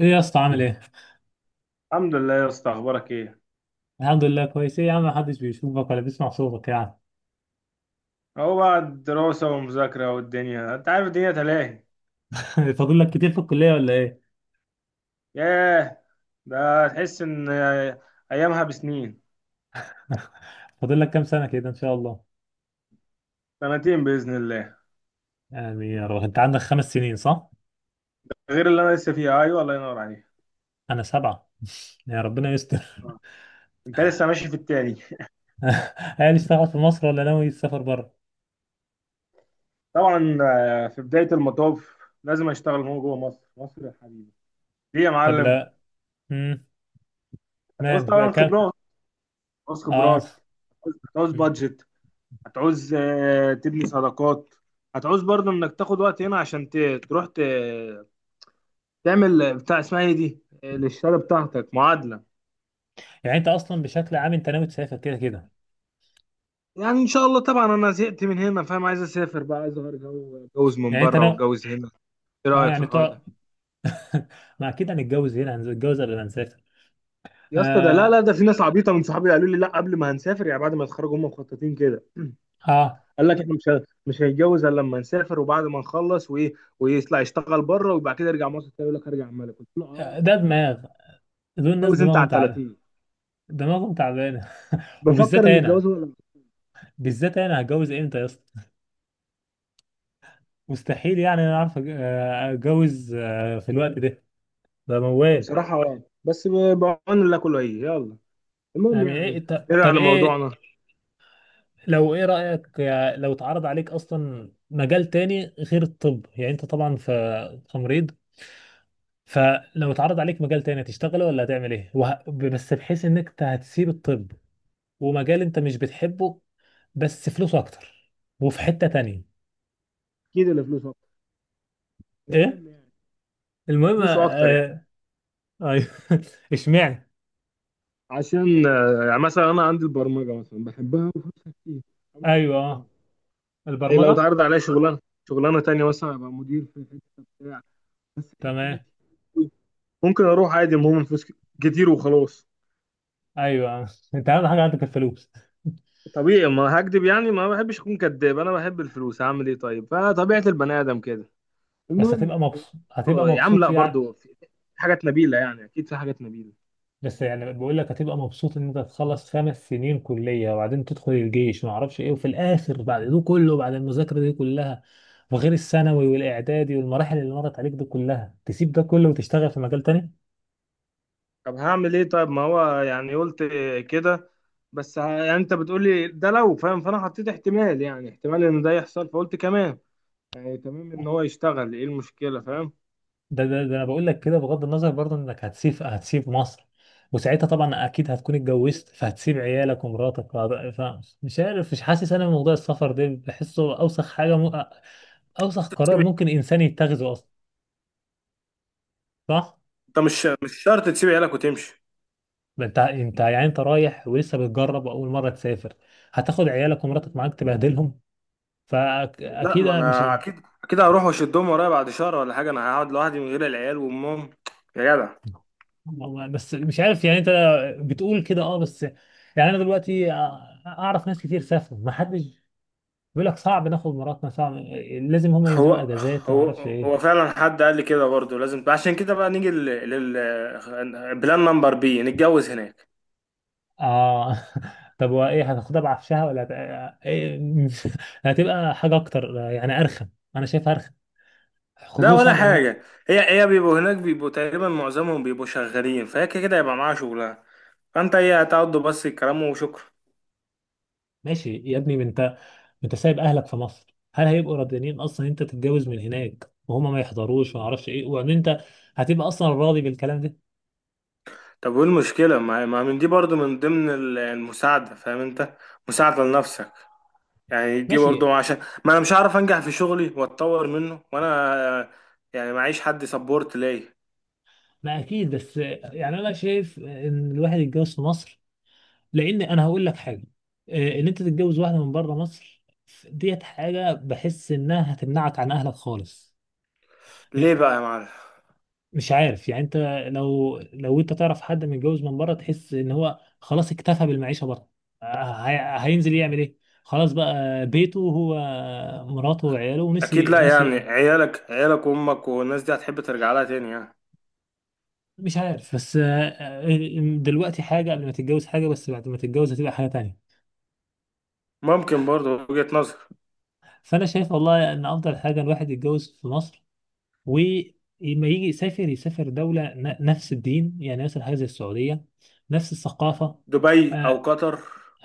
ايه يا اسطى، عامل ايه؟ الحمد لله يا اسطى، اخبارك ايه؟ الحمد لله، كويس. ايه يا عم، محدش بيشوفك ولا بيسمع صوتك يعني؟ اهو بقى الدراسه والمذاكره والدنيا، انت عارف، الدنيا تلاهي. فاضل لك كتير في الكلية ولا ايه؟ ياه، ده تحس ان ايامها بسنين. فاضل لك كام سنة كده ان شاء الله؟ سنتين باذن الله. يعني يا رب انت عندك 5 سنين صح؟ غير اللي انا لسه فيها، ايوه الله ينور عليك. انا سبعة. يا ربنا يستر. آه. انت لسه ماشي في التاني. هل اشتغل في مصر ولا ناوي تسافر بره؟ طبعا في بدايه المطاف لازم اشتغل. هو جوه مصر، مصر يا حبيبي. ليه يا طب معلم؟ لا. امم هتعوز تمام بقى طبعا كام؟ خبرات، هتعوز اه. خبرات، هتعوز مم. بادجت. هتعوز تبني صداقات. هتعوز برضه انك تاخد وقت هنا عشان تروح تعمل بتاع اسمها ايه دي للشهاده بتاعتك، معادله. يعني انت اصلا بشكل عام انت ناوي تسافر كده كده. يعني ان شاء الله طبعا انا زهقت من هنا فاهم. عايز اسافر بقى، عايز اغير جو، اتجوز من يعني انت بره ناوي. واتجوز هنا. ايه اه رايك في يعني الحوار تقعد. ده؟ ما اكيد هنتجوز هنا، هنتجوز قبل ما نسافر. يا اسطى ده، لا لا، آه. ده في ناس عبيطه من صحابي قالوا لي لا، قبل ما هنسافر يعني بعد ما يتخرجوا هم مخططين كده. اه. قال لك احنا مش مش هيتجوز الا لما نسافر وبعد ما نخلص. وايه، ويطلع يشتغل بره وبعد كده يرجع مصر تاني. يقول لك هرجع ملك، قلت له اه ده لا معاك. دماغ. دول الناس اتجوز انت دماغهم على تعب، 30. دماغهم تعبانه. بفكر وبالذات ان انا الجواز هو بالذات انا هتجوز امتى يا اسطى؟ مستحيل يعني. انا اعرف اتجوز في الوقت ده؟ ده موال. بصراحه اه بعون الله كله هي، يلا المهم يعني ايه؟ يعني. نرجع طب ايه؟ لموضوعنا. لو ايه رايك، لو اتعرض عليك اصلا مجال تاني غير الطب؟ يعني انت طبعا في تمريض. فلو اتعرض عليك مجال تاني هتشتغله ولا هتعمل ايه بس بحيث انك إنت هتسيب الطب، ومجال انت مش بتحبه بس فلوسه اكتر، وفي حتة تانية. اكيد اللي فلوسه اكتر، ايه؟ المهم يعني، المهم. فلوسه اكتر يعني. آه... اشمعنى؟ عشان يعني مثلا انا عندي البرمجه مثلا بحبها وفلوسها كتير، ممكن ايوه. اروح لها. آه. إيه لو البرمجه. اتعرض عليا شغلانه، شغلانه تانية مثلا ابقى مدير في حته بتاع، بس الحته تمام. دي ممكن اروح عادي. المهم فلوس كتير وخلاص. ايوه. آه. انت اهم حاجه عندك الفلوس. طبيعي، ما هكدب يعني، ما بحبش اكون كداب. انا بحب الفلوس، هعمل ايه طيب؟ فطبيعه البني ادم كده، بس المهم هتبقى يعني. مبسوط، هتبقى يا عم مبسوط لا، يعني؟ برضو في حاجات نبيله يعني، اكيد في حاجات نبيله. بس يعني بقول لك هتبقى مبسوط ان انت تخلص 5 سنين كليه، وبعدين تدخل الجيش ما اعرفش ايه، وفي الاخر بعد ده كله، بعد المذاكره دي كلها، وغير الثانوي والاعدادي والمراحل اللي مرت عليك دي كلها، تسيب ده كله وتشتغل في مجال تاني؟ طب هعمل ايه طيب، ما هو يعني قلت كده. بس يعني انت بتقولي ده لو فاهم، فانا حطيت احتمال، يعني احتمال ان ده يحصل، فقلت كمان يعني تمام ان هو يشتغل ايه المشكلة، فاهم ده انا بقول لك كده بغض النظر برضه انك هتسيب مصر، وساعتها طبعا اكيد هتكون اتجوزت، فهتسيب عيالك ومراتك فمش عارف، مش حاسس. انا موضوع السفر ده بحسه اوسخ اوسخ قرار ممكن انسان يتخذه اصلا. صح؟ انت؟ مش شرط تسيب عيالك وتمشي. ما انت، يعني انت رايح ولسه بتجرب واول مره تسافر، هتاخد عيالك ومراتك معاك تبهدلهم؟ لا، فاكيد ما أنا مش. انا اكيد اكيد هروح واشدهم ورايا بعد شهر ولا حاجه. انا هقعد لوحدي من غير العيال وامهم يا جدع؟ بس مش عارف يعني انت بتقول كده، اه، بس يعني انا دلوقتي اعرف ناس كتير سافروا، ما حدش بيقول لك صعب ناخد مراتنا، صعب، لازم هما ينزلوا هو اجازات ما هو اعرفش هو ايه. فعلا حد قال لي كده برضه. لازم عشان كده بقى نيجي بلان نمبر بي، نتجوز هناك. اه. طب وايه، هتاخدها بعفشها ولا إيه؟ هتبقى حاجه اكتر يعني، ارخم. انا شايفها ارخم. لا خصوصا ولا ان. حاجة، هي بيبقوا هناك، بيبقوا تقريبا معظمهم بيبقوا شغالين، فهي كده كده يبقى معاها شغلها. فانت هتقعدوا بس الكلام، وشكرا. ماشي يا ابني. ما انت سايب اهلك في مصر، هل هيبقوا راضيين اصلا انت تتجوز من هناك وهما ما يحضروش وما اعرفش ايه، وان انت هتبقى اصلا راضي بالكلام ده؟ طب وايه المشكلة؟ ما من دي برضو من ضمن المساعدة، فاهم انت؟ مساعدة لنفسك، يعني دي ماشي. برضو عشان، ما انا مش هعرف انجح في شغلي واتطور منه، وانا يعني معيش حد سبورت ليا. ما اكيد، بس يعني انا شايف ان الواحد يتجوز في مصر. لان انا هقول لك حاجه، ان انت تتجوز واحده من بره مصر، ديت حاجه بحس انها هتمنعك عن اهلك خالص. ليه يعني بقى يا معلم؟ مش عارف يعني انت. لو انت تعرف حد متجوز من بره، تحس ان هو خلاص اكتفى بالمعيشه بره. هينزل يعمل ايه؟ خلاص بقى بيته هو، مراته وعياله، اكيد ونسي لا، يعني نسي. عيالك، عيالك وامك والناس دي هتحب ترجع لها تاني يعني. مش عارف، بس دلوقتي حاجه قبل ما تتجوز، حاجه بس بعد ما تتجوز هتبقى حاجه تانية. ممكن، برضو وجهة نظر. فانا شايف والله ان افضل حاجه الواحد يتجوز في مصر، ولما يجي يسافر، دولة نفس الدين. يعني مثلا هذه السعودية، نفس الثقافة. دبي او آه، قطر.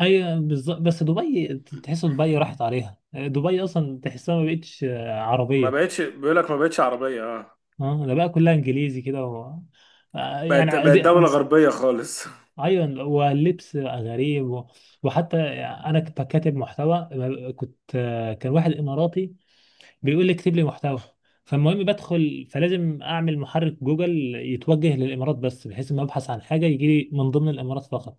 أي بالظبط. بس دبي، تحس دبي راحت عليها، دبي أصلا تحسها ما بقتش ما عربية. بقتش، بيقول لك ما بقتش عربية، اه. اه، ده بقى كلها إنجليزي كده آه، بقت بقت دولة غربية خالص. أيوة، واللبس بقى غريب وحتى، أنا كنت كاتب محتوى. كنت، كان واحد إماراتي بيقول لي اكتب لي محتوى. فالمهم بدخل، فلازم اعمل محرك جوجل يتوجه للامارات، بس بحيث ما ابحث عن حاجه يجي لي من ضمن الامارات فقط.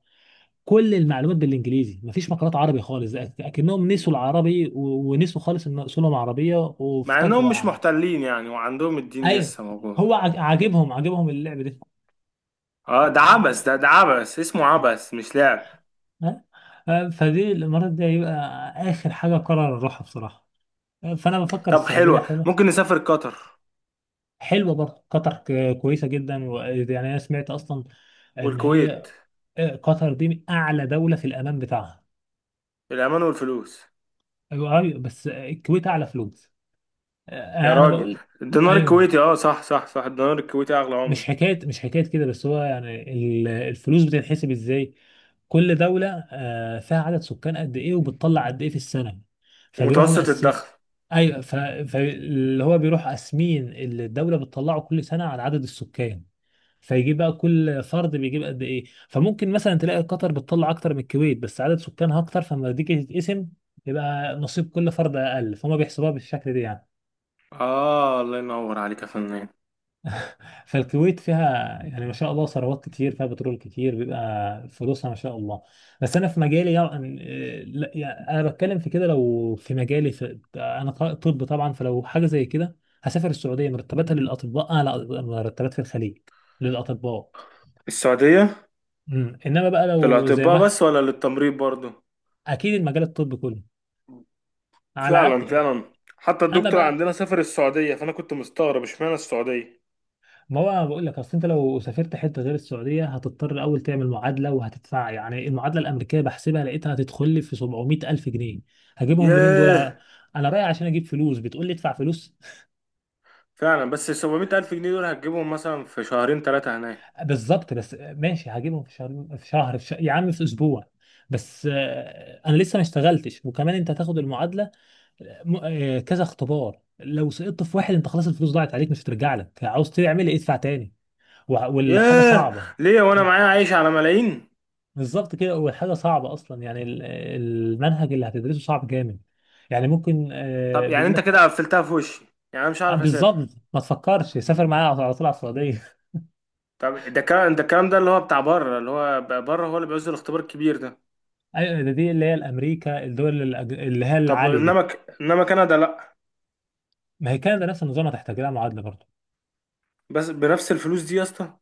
كل المعلومات بالانجليزي، مفيش مقالات عربي خالص، اكنهم نسوا العربي ونسوا خالص ان اصولهم عربيه مع وفتج... انهم مش محتلين يعني، وعندهم الدين ايوه. لسه موجود. هو عاجبهم اللعب دي. اه ده عبث، آه. ده عبث اسمه، عبث مش لعب. آه. فدي الامارات دي هيبقى اخر حاجه قرر اروحها بصراحه. آه. فانا بفكر طب السعوديه حلوة، حلو. ممكن نسافر قطر. حلوه برضه قطر، كويسه جدا يعني انا سمعت اصلا ان هي، والكويت. قطر دي من اعلى دوله في الامان بتاعها. الأمان والفلوس. ايوه، أيوة، بس الكويت اعلى فلوس. يا انا راجل، بقول. الدينار ايوه، الكويتي، اه صح صح صح، الدينار الكويتي أغلى عملة. مش حكايه كده. بس هو يعني الفلوس بتتحسب ازاي؟ كل دوله فيها عدد سكان قد ايه، وبتطلع قد ايه في السنه، فبيروحوا ومتوسط مقسم. الدخل. ايوه. فاللي هو بيروح قاسمين اللي الدوله بتطلعه كل سنه على عدد السكان، فيجيب بقى كل فرد بيجيب قد ايه. فممكن مثلا تلاقي قطر بتطلع اكتر من الكويت بس عدد سكانها اكتر، فلما تيجي تتقسم يبقى نصيب كل فرد اقل، فهم بيحسبوها بالشكل ده يعني. اه الله ينور عليك يا فنان. فالكويت فيها يعني ما شاء الله ثروات كتير، فيها بترول كتير، بيبقى فلوسها ما شاء الله. بس انا في مجالي يعني، لا يعني انا بتكلم في كده. لو في مجالي، في انا، طب طبعا فلو حاجه زي كده، هسافر السعوديه. مرتباتها للأطباء أعلى مرتبات في الخليج، للأطباء. السعودية. انما بقى لو زي، للأطباء بس ولا للتمريض برضو؟ اكيد المجال الطبي كله، على فعلا عكس. فعلا. حتى اما الدكتور بقى، عندنا سافر السعودية، فأنا كنت مستغرب اشمعنى السعودية. ما هو انا بقول لك، اصل انت لو سافرت حته غير السعوديه، هتضطر اول تعمل معادله وهتدفع. يعني المعادله الامريكيه بحسبها لقيتها هتدخل لي في 700 الف جنيه. هجيبهم منين دول انا؟ ياه. أنا رايح عشان اجيب فلوس، بتقول لي ادفع فلوس؟ فعلا، بس ال 700 ألف جنيه دول هتجيبهم مثلا في شهرين ثلاثة هناك. بالظبط. بس ماشي هجيبهم في شهر، في شهر، يا عم في اسبوع. بس انا لسه ما اشتغلتش. وكمان انت هتاخد المعادله، كذا اختبار، لو سقطت في واحد انت خلاص الفلوس ضاعت عليك، مش هترجع لك، عاوز تعمل ايه؟ ادفع تاني. والحاجة ياه. صعبة. ليه، وأنا ها؟ معايا عايش على ملايين؟ بالظبط كده. والحاجة صعبة أصلا. يعني المنهج اللي هتدرسه صعب جامد، يعني ممكن، طب يعني بيقول أنت لك، كده قفلتها في وشي، يعني أنا مش عارف بالظبط. أسافر. ما تفكرش، سافر معايا على طول على السعودية. طب ده الكلام، ده الكلام ده اللي هو بتاع بره اللي هو بره هو اللي بيعوز الاختبار الكبير ده. أيوة، دي اللي هي الأمريكا، الدول اللي هي طب العالية دي. إنما إنما كندا لأ. ما هي كندا نفس النظام، هتحتاج لها معادلة برضه. بس بنفس الفلوس دي يا اسطى؟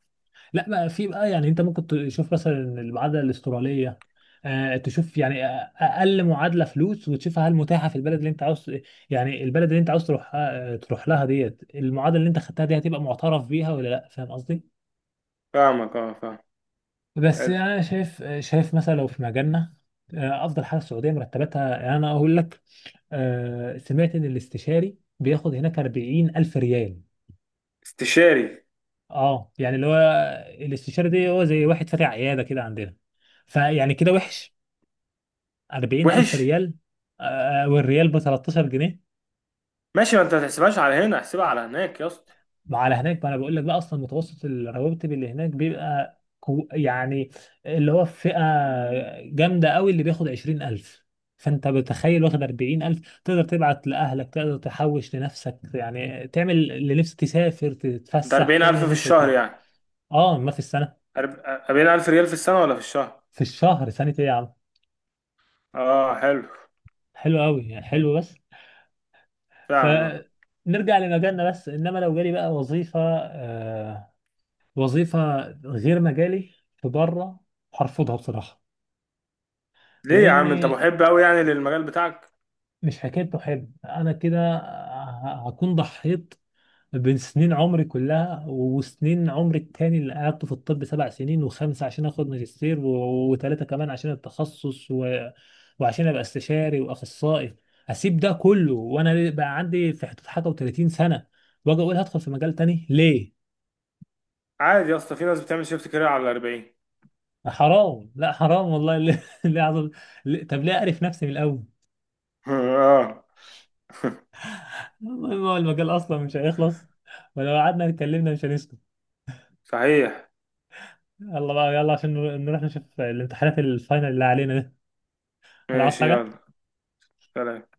لا بقى، في بقى، يعني انت ممكن تشوف مثلا المعادله الاستراليه، آه تشوف يعني اقل معادله فلوس، وتشوفها هل متاحه في البلد اللي انت عاوز. يعني البلد اللي انت عاوز تروح لها، ديت المعادله اللي انت خدتها دي هتبقى معترف بيها ولا لا؟ فاهم قصدي؟ فاهمك، اه فاهم. بس حلو. يعني انا شايف مثلا، لو في مجالنا، افضل حاجه السعوديه. مرتباتها يعني انا اقول لك، سمعت ان الاستشاري بياخد هناك 40 الف ريال. استشاري. اه، يعني اللي هو، الاستشاري دي هو زي واحد فاتح عياده كده عندنا، فيعني كده وحش، 40 ألف وحش. ريال. والريال ب 13 جنيه. ماشي، ما انت ما تحسبهاش على هنا، احسبها على هناك يا اسطى. على هناك. ما أنا بقول لك بقى، أصلا متوسط الرواتب اللي هناك بيبقى يعني اللي هو في فئة جامدة قوي اللي بياخد 20 ألف. فأنت بتخيل واخد 40 ألف، تقدر تبعت لأهلك، تقدر تحوش لنفسك، يعني تعمل اللي نفسك، تسافر، ده تتفسح، تعمل 40,000 اللي في نفسك الشهر فيه. يعني؟ أه، ما في السنة. أرب- 40,000 ريال في السنة ولا في الشهر؟ في الشهر، سنة إيه يا عم. اه حلو. حلو قوي يعني، حلو بس. ف فعلا آه. نرجع لمجالنا. بس انما لو جالي بقى وظيفه آه، وظيفة غير مجالي في بره، هرفضها بصراحة. ليه يا عم، انت لأني محب قوي يعني للمجال بتاعك؟ مش حكاية بحب أنا كده، هكون ضحيت بين سنين عمري كلها. وسنين عمري التاني اللي قعدته في الطب 7 سنين، وخمسة عشان آخد ماجستير، وتلاتة كمان عشان التخصص وعشان أبقى استشاري وأخصائي. أسيب ده كله وأنا بقى عندي في حدود حاجة و30 سنة، وأجي أقول هدخل في مجال تاني ليه؟ عادي يا اسطى، في ناس بتعمل شيفت كارير على 40. حرام، لا حرام والله. ليه؟ ليه عظم؟ طب ليه اعرف نفسي من الاول؟ اه. المهم هو المجال اصلا مش هيخلص، ولو قعدنا اتكلمنا مش هنسكت. صحيح. يلا بقى، يلا، عشان نروح نشوف الامتحانات الفاينل اللي علينا ده. ولا عاوز ماشي يلا. حاجه؟ سلام.